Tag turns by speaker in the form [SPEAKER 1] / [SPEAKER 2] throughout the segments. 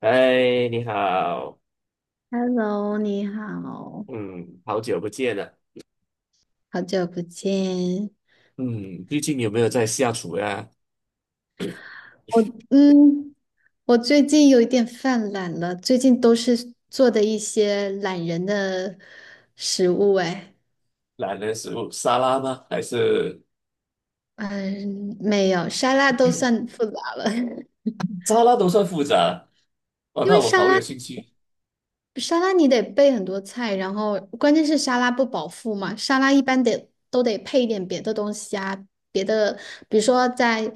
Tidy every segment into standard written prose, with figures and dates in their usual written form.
[SPEAKER 1] 哎，你好，
[SPEAKER 2] Hello，你好，
[SPEAKER 1] 嗯，好久不见了。
[SPEAKER 2] 好久不见。
[SPEAKER 1] 嗯，最近有没有在下厨呀？
[SPEAKER 2] 我嗯，我最近有一点犯懒了，最近都是做的一些懒人的食物。哎，
[SPEAKER 1] 懒人食物沙拉吗？还是
[SPEAKER 2] 嗯，没有，沙拉都算复杂了。
[SPEAKER 1] 沙拉都算复杂？哦，
[SPEAKER 2] 因
[SPEAKER 1] 那
[SPEAKER 2] 为
[SPEAKER 1] 我
[SPEAKER 2] 沙
[SPEAKER 1] 好有
[SPEAKER 2] 拉
[SPEAKER 1] 兴趣。
[SPEAKER 2] 沙拉你得备很多菜，然后关键是沙拉不饱腹嘛，沙拉一般得都得配一点别的东西啊，别的比如说在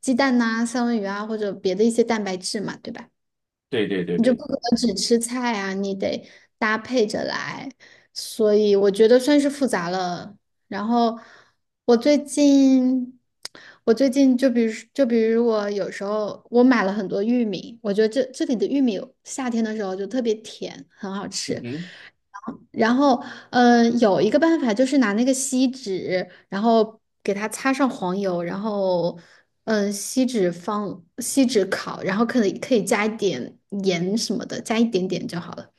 [SPEAKER 2] 鸡蛋呐、三文鱼啊，或者别的一些蛋白质嘛，对吧？
[SPEAKER 1] 对对对
[SPEAKER 2] 你就不
[SPEAKER 1] 对。
[SPEAKER 2] 可能只吃菜啊，你得搭配着来，所以我觉得算是复杂了。然后我最近，我最近就比如我有时候我买了很多玉米，我觉得这里的玉米夏天的时候就特别甜，很好
[SPEAKER 1] 嗯
[SPEAKER 2] 吃。
[SPEAKER 1] 哼。
[SPEAKER 2] 然后，有一个办法就是拿那个锡纸，然后给它擦上黄油，然后，放锡纸烤，然后可以加一点盐什么的，加一点点就好了。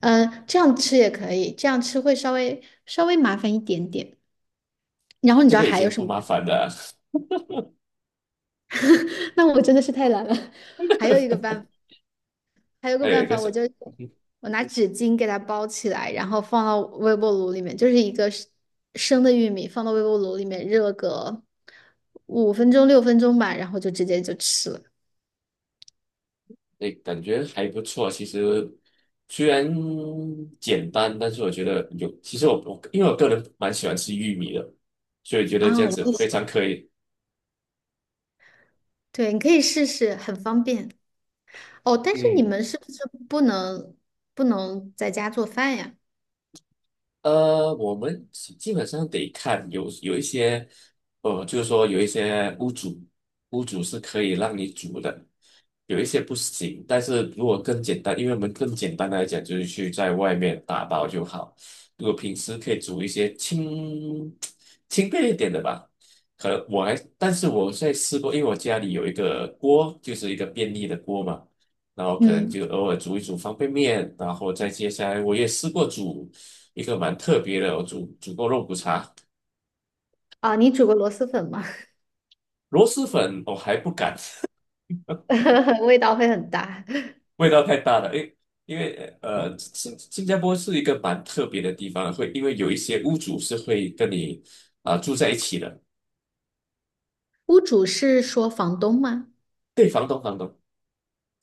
[SPEAKER 2] 这样吃也可以，这样吃会稍微麻烦一点点。然后你
[SPEAKER 1] 这
[SPEAKER 2] 知道
[SPEAKER 1] 个已
[SPEAKER 2] 还有
[SPEAKER 1] 经
[SPEAKER 2] 什
[SPEAKER 1] 不
[SPEAKER 2] 么
[SPEAKER 1] 麻
[SPEAKER 2] 办法。
[SPEAKER 1] 烦了。
[SPEAKER 2] 那我真的是太懒了。还有一个办法。还有个
[SPEAKER 1] 还有
[SPEAKER 2] 办
[SPEAKER 1] 一个
[SPEAKER 2] 法，
[SPEAKER 1] 什
[SPEAKER 2] 我
[SPEAKER 1] 么？
[SPEAKER 2] 就
[SPEAKER 1] 嗯哼。
[SPEAKER 2] 我拿纸巾给它包起来，然后放到微波炉里面，就是一个生的玉米放到微波炉里面热个五分钟6分钟吧，然后就直接就吃了。
[SPEAKER 1] 哎，感觉还不错。其实虽然简单，但是我觉得有。其实我因为我个人蛮喜欢吃玉米的，所以觉得这
[SPEAKER 2] 啊，
[SPEAKER 1] 样
[SPEAKER 2] 我
[SPEAKER 1] 子
[SPEAKER 2] 也
[SPEAKER 1] 非
[SPEAKER 2] 是，
[SPEAKER 1] 常可以。
[SPEAKER 2] 对，你可以试试，很方便哦。但是你
[SPEAKER 1] 嗯。
[SPEAKER 2] 们是不是不能不能在家做饭呀？
[SPEAKER 1] 呃，我们基本上得看有一些，呃，就是说有一些屋主，屋主是可以让你煮的，有一些不行。但是如果更简单，因为我们更简单来讲，就是去在外面打包就好。如果平时可以煮一些轻 轻便一点的吧，可能我还，但是我在试过，因为我家里有一个锅，就是一个便利的锅嘛。然后可能
[SPEAKER 2] 嗯，
[SPEAKER 1] 就偶尔煮一煮方便面，然后再接下来我也试过煮。一个蛮特别的哦，我煮过肉骨茶。
[SPEAKER 2] 啊，你煮过螺蛳粉吗？
[SPEAKER 1] 螺蛳粉我还不敢。
[SPEAKER 2] 味道会很大。
[SPEAKER 1] 味道太大了。因为呃，新加坡是一个蛮特别的地方，会因为有一些屋主是会跟你啊、住在一起的。
[SPEAKER 2] 屋主是说房东吗？
[SPEAKER 1] 对，房东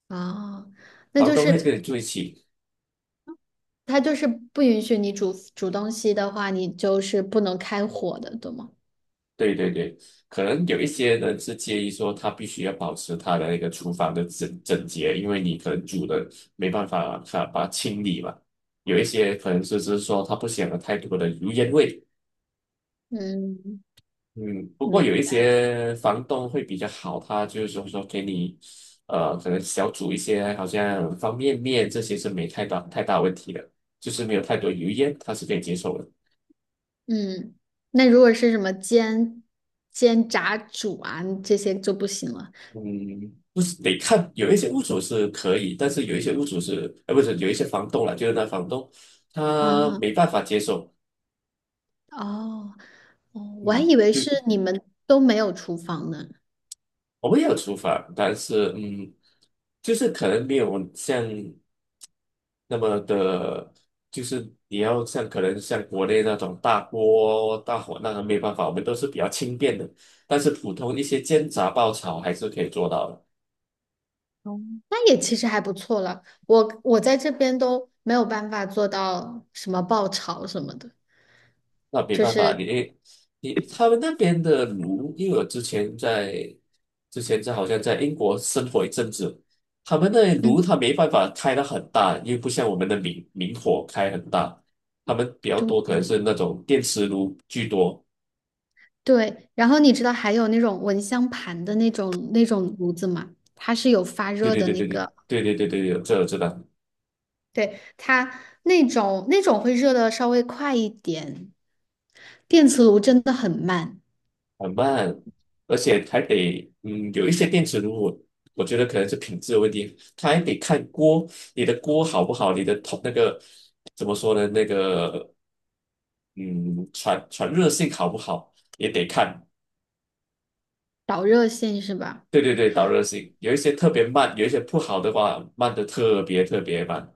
[SPEAKER 2] 哦，那
[SPEAKER 1] 房
[SPEAKER 2] 就
[SPEAKER 1] 东会跟
[SPEAKER 2] 是
[SPEAKER 1] 你住一起。
[SPEAKER 2] 它就是不允许你煮煮东西的话，你就是不能开火的，对吗？
[SPEAKER 1] 对对对，可能有一些人是介意说他必须要保持他的那个厨房的整洁，因为你可能煮的没办法把它清理嘛。有一些可能是说他不想有太多的油烟味。
[SPEAKER 2] 嗯，
[SPEAKER 1] 嗯，不过有
[SPEAKER 2] 明
[SPEAKER 1] 一
[SPEAKER 2] 白。
[SPEAKER 1] 些房东会比较好，他就是说给你，呃，可能小煮一些，好像方便面这些是没太大问题的，就是没有太多油烟，他是可以接受的。
[SPEAKER 2] 嗯，那如果是什么煎、炸、煮啊，这些就不行了。
[SPEAKER 1] 嗯，不是得看，有一些屋主是可以，但是有一些屋主是，呃，不是有一些房东啦，就是那房东
[SPEAKER 2] 啊
[SPEAKER 1] 他
[SPEAKER 2] 哈，
[SPEAKER 1] 没办法接受。
[SPEAKER 2] 哦，哦，我还
[SPEAKER 1] 嗯，
[SPEAKER 2] 以为是
[SPEAKER 1] 就。
[SPEAKER 2] 你们都没有厨房呢。
[SPEAKER 1] 我们也有厨房，但是就是可能没有像那么的，就是你要像可能像国内那种大锅大火那个没办法，我们都是比较轻便的，但是普通一些煎炸爆炒还是可以做到的。
[SPEAKER 2] 哦，那也其实还不错了。我在这边都没有办法做到什么爆炒什么的，
[SPEAKER 1] 那没
[SPEAKER 2] 就
[SPEAKER 1] 办法，
[SPEAKER 2] 是
[SPEAKER 1] 你他们那边的炉，因为我之前在好像在英国生活一阵子，他们那里
[SPEAKER 2] 嗯，
[SPEAKER 1] 炉它没办法开得很大，因为不像我们的明明火开很大，他们比较
[SPEAKER 2] 对，
[SPEAKER 1] 多可能是那种电磁炉居多。
[SPEAKER 2] 对，然后你知道还有那种蚊香盘的那种炉子吗？它是有发
[SPEAKER 1] 对
[SPEAKER 2] 热
[SPEAKER 1] 对
[SPEAKER 2] 的
[SPEAKER 1] 对
[SPEAKER 2] 那
[SPEAKER 1] 对对，
[SPEAKER 2] 个，
[SPEAKER 1] 对对对对对，这我知道。
[SPEAKER 2] 对，它那种会热的稍微快一点，电磁炉真的很慢，
[SPEAKER 1] 很慢，而且还得有一些电磁炉我。我觉得可能是品质的问题，它还得看锅，你的锅好不好，你的铜那个怎么说呢？那个嗯，传热性好不好也得看。
[SPEAKER 2] 导热线是吧？
[SPEAKER 1] 对对对，导热性有一些特别慢，有一些不好的话慢的特别慢。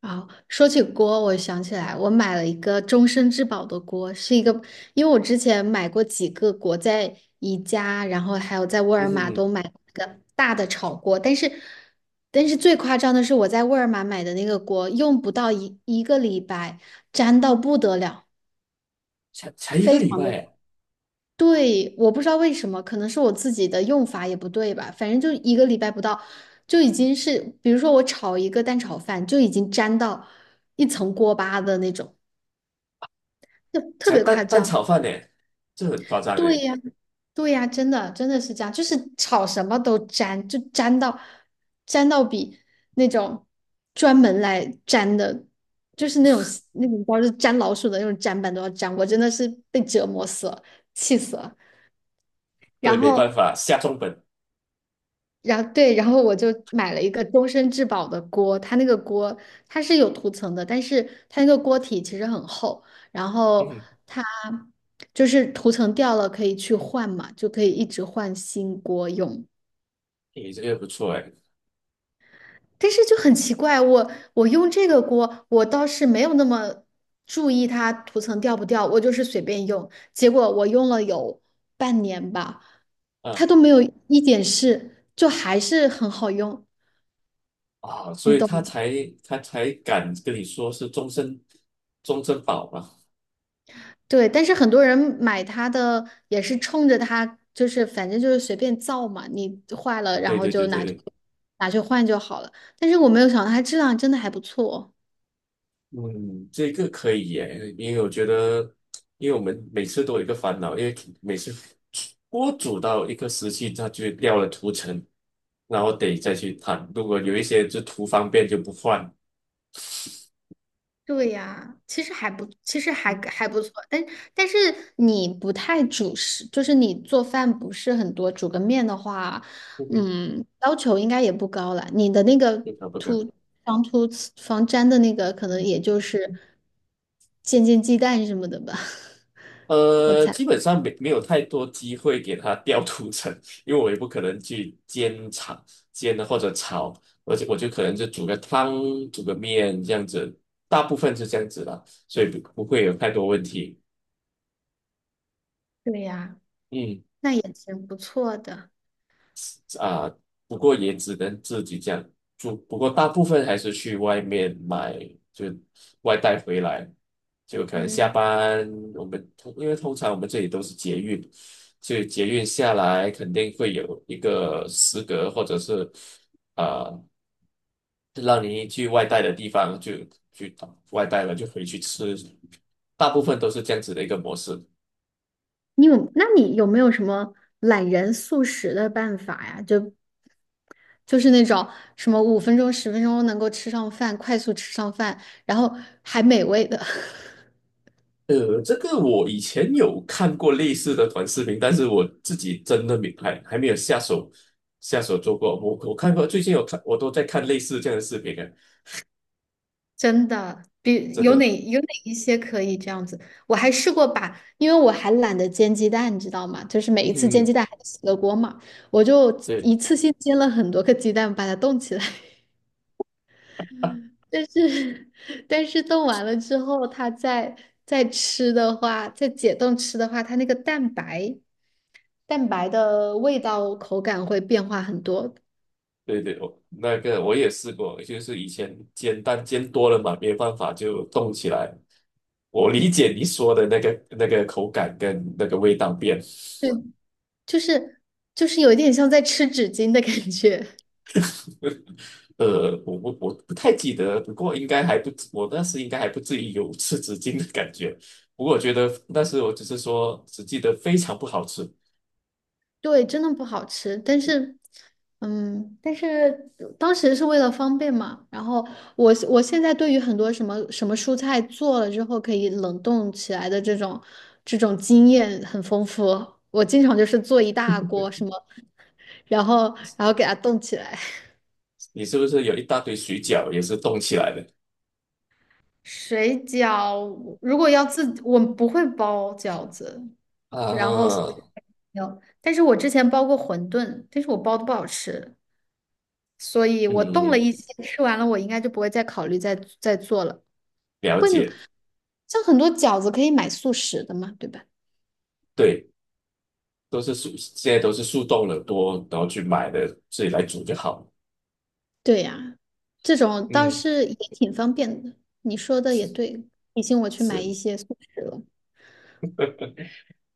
[SPEAKER 2] 好，说起锅，我想起来，我买了一个终身质保的锅，是一个，因为我之前买过几个锅，在宜家，然后还有在沃
[SPEAKER 1] 嗯
[SPEAKER 2] 尔玛
[SPEAKER 1] 哼。
[SPEAKER 2] 都买过一个大的炒锅，但是最夸张的是我在沃尔玛买的那个锅，用不到一个礼拜，粘到不得了。
[SPEAKER 1] 才才一个
[SPEAKER 2] 非
[SPEAKER 1] 礼
[SPEAKER 2] 常
[SPEAKER 1] 拜
[SPEAKER 2] 的。
[SPEAKER 1] 哎。
[SPEAKER 2] 对，我不知道为什么，可能是我自己的用法也不对吧。反正就一个礼拜不到，就已经是，比如说我炒一个蛋炒饭，就已经粘到一层锅巴的那种，就特
[SPEAKER 1] 才
[SPEAKER 2] 别
[SPEAKER 1] 蛋
[SPEAKER 2] 夸
[SPEAKER 1] 蛋
[SPEAKER 2] 张。
[SPEAKER 1] 炒饭呢，这很夸张
[SPEAKER 2] 对
[SPEAKER 1] 哎。
[SPEAKER 2] 呀，对呀，真的真的是这样，就是炒什么都粘，就粘到比那种专门来粘的，就是那种包是粘老鼠的那种粘板都要粘，我真的是被折磨死了，气死了。
[SPEAKER 1] 对，
[SPEAKER 2] 然
[SPEAKER 1] 没办
[SPEAKER 2] 后
[SPEAKER 1] 法，下重本。
[SPEAKER 2] 然后对，然后我就买了一个终身质保的锅，它那个锅它是有涂层的，但是它那个锅体其实很厚，然
[SPEAKER 1] 嗯
[SPEAKER 2] 后
[SPEAKER 1] 哼。
[SPEAKER 2] 它就是涂层掉了可以去换嘛，就可以一直换新锅用。
[SPEAKER 1] 你这个不错哎。
[SPEAKER 2] 但是就很奇怪，我用这个锅，我倒是没有那么注意它涂层掉不掉，我就是随便用，结果我用了有半年吧，它
[SPEAKER 1] 嗯。
[SPEAKER 2] 都没有一点事，就还是很好用，
[SPEAKER 1] 啊，所
[SPEAKER 2] 你
[SPEAKER 1] 以
[SPEAKER 2] 懂吗？
[SPEAKER 1] 他才他才敢跟你说是终身保嘛。
[SPEAKER 2] 对，但是很多人买它的也是冲着它，就是反正就是随便造嘛，你坏了然
[SPEAKER 1] 对
[SPEAKER 2] 后
[SPEAKER 1] 对对
[SPEAKER 2] 就
[SPEAKER 1] 对
[SPEAKER 2] 拿去
[SPEAKER 1] 对。
[SPEAKER 2] 拿去换就好了。但是我没有想到它质量真的还不错。
[SPEAKER 1] 嗯，这个可以耶。因为我觉得，因为我们每次都有一个烦恼，因为每次锅煮到一个时期，它就掉了涂层，然后得再去烫。如果有一些就图方便就不换。
[SPEAKER 2] 对呀，其实还
[SPEAKER 1] 嗯，
[SPEAKER 2] 还不错，但是你不太主食，就是你做饭不是很多，煮个面的话，
[SPEAKER 1] 不会。
[SPEAKER 2] 要求应该也不高了。你的那个
[SPEAKER 1] 不可不可。
[SPEAKER 2] 涂防涂防粘的那个，可能
[SPEAKER 1] 嗯。
[SPEAKER 2] 也就是煎煎鸡蛋什么的吧。
[SPEAKER 1] 呃，基本上没有太多机会给它掉涂层，因为我也不可能去煎或者炒，而且我就可能就煮个汤、煮个面这样子，大部分是这样子啦，所以不会有太多问题。
[SPEAKER 2] 对呀，
[SPEAKER 1] 嗯。
[SPEAKER 2] 那也挺不错的。
[SPEAKER 1] 啊，不过也只能自己这样做。不过大部分还是去外面买，就外带回来。就可能下
[SPEAKER 2] 嗯，
[SPEAKER 1] 班，我们通因为通常我们这里都是捷运，所以捷运下来肯定会有一个食阁，或者是啊、呃让你去外带的地方就去外带了，就回去吃。大部分都是这样子的一个模式。
[SPEAKER 2] 你有，那你有没有什么懒人速食的办法呀？就是那种什么五分钟、10分钟能够吃上饭，快速吃上饭，然后还美味的。
[SPEAKER 1] 呃，这个我以前有看过类似的短视频，但是我自己真的没还没有下手做过。我看过，最近有看，我都在看类似这样的视频啊。
[SPEAKER 2] 真的，比
[SPEAKER 1] 真
[SPEAKER 2] 有哪
[SPEAKER 1] 的。
[SPEAKER 2] 有哪一些可以这样子？我还试过把，因为我还懒得煎鸡蛋，你知道吗？就是每一次煎
[SPEAKER 1] 嗯，
[SPEAKER 2] 鸡蛋还得洗个锅嘛，我就
[SPEAKER 1] 对
[SPEAKER 2] 一次性煎了很多个鸡蛋，把它冻起来。但是，但是冻完了之后，它再吃的话，再解冻吃的话，它那个蛋白的味道口感会变化很多，
[SPEAKER 1] 对对，我那个我也试过，就是以前煎蛋煎多了嘛，没办法就动起来。我理解你说的那个口感跟那个味道变。
[SPEAKER 2] 对，就是就是有一点像在吃纸巾的感觉。
[SPEAKER 1] 呃，我不太记得，不过应该还不至我当时应该还不至于有吃纸巾的感觉。不过我觉得但是我只是说，只记得非常不好吃。
[SPEAKER 2] 对，真的不好吃，但是，嗯，但是当时是为了方便嘛。然后我现在对于很多什么什么蔬菜做了之后可以冷冻起来的这种经验很丰富，我经常就是做一大锅什么，然后给它冻起来。
[SPEAKER 1] 你是不是有一大堆水饺也是冻起来的？
[SPEAKER 2] 水饺如果要自己，我不会包饺子，然后
[SPEAKER 1] 啊。
[SPEAKER 2] 没有，但是我之前包过馄饨，但是我包的不好吃。所以我动了
[SPEAKER 1] 嗯，
[SPEAKER 2] 一些，吃完了我应该就不会再考虑再做了。
[SPEAKER 1] 了解。
[SPEAKER 2] 像很多饺子可以买速食的嘛，对吧？
[SPEAKER 1] 对，都是速，现在都是速冻了多，然后去买的，自己来煮就好了。
[SPEAKER 2] 对呀，这种倒
[SPEAKER 1] 嗯，
[SPEAKER 2] 是也挺方便的。你说的也对，提醒我去买
[SPEAKER 1] 是。
[SPEAKER 2] 一些速食了。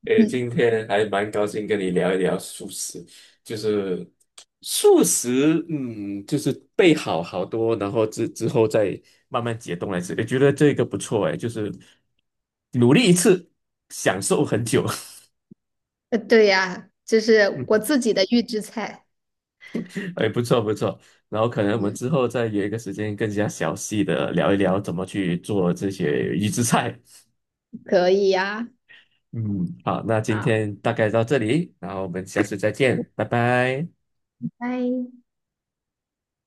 [SPEAKER 1] 诶，今
[SPEAKER 2] 嗯，
[SPEAKER 1] 天还蛮高兴跟你聊一聊素食，就是素食。嗯，就是备好好多，然后之后再慢慢解冻来吃，也觉得这个不错诶，就是努力一次，享受很久。
[SPEAKER 2] 对呀，这 是我
[SPEAKER 1] 嗯，
[SPEAKER 2] 自己的预制菜。
[SPEAKER 1] 哎，不错不错。然后可能我们
[SPEAKER 2] 嗯，
[SPEAKER 1] 之后再约一个时间，更加详细的聊一聊怎么去做这些预制菜。
[SPEAKER 2] 可以呀。
[SPEAKER 1] 嗯，好，那今
[SPEAKER 2] 好，
[SPEAKER 1] 天大概到这里，然后我们下次再见，拜拜。
[SPEAKER 2] 拜。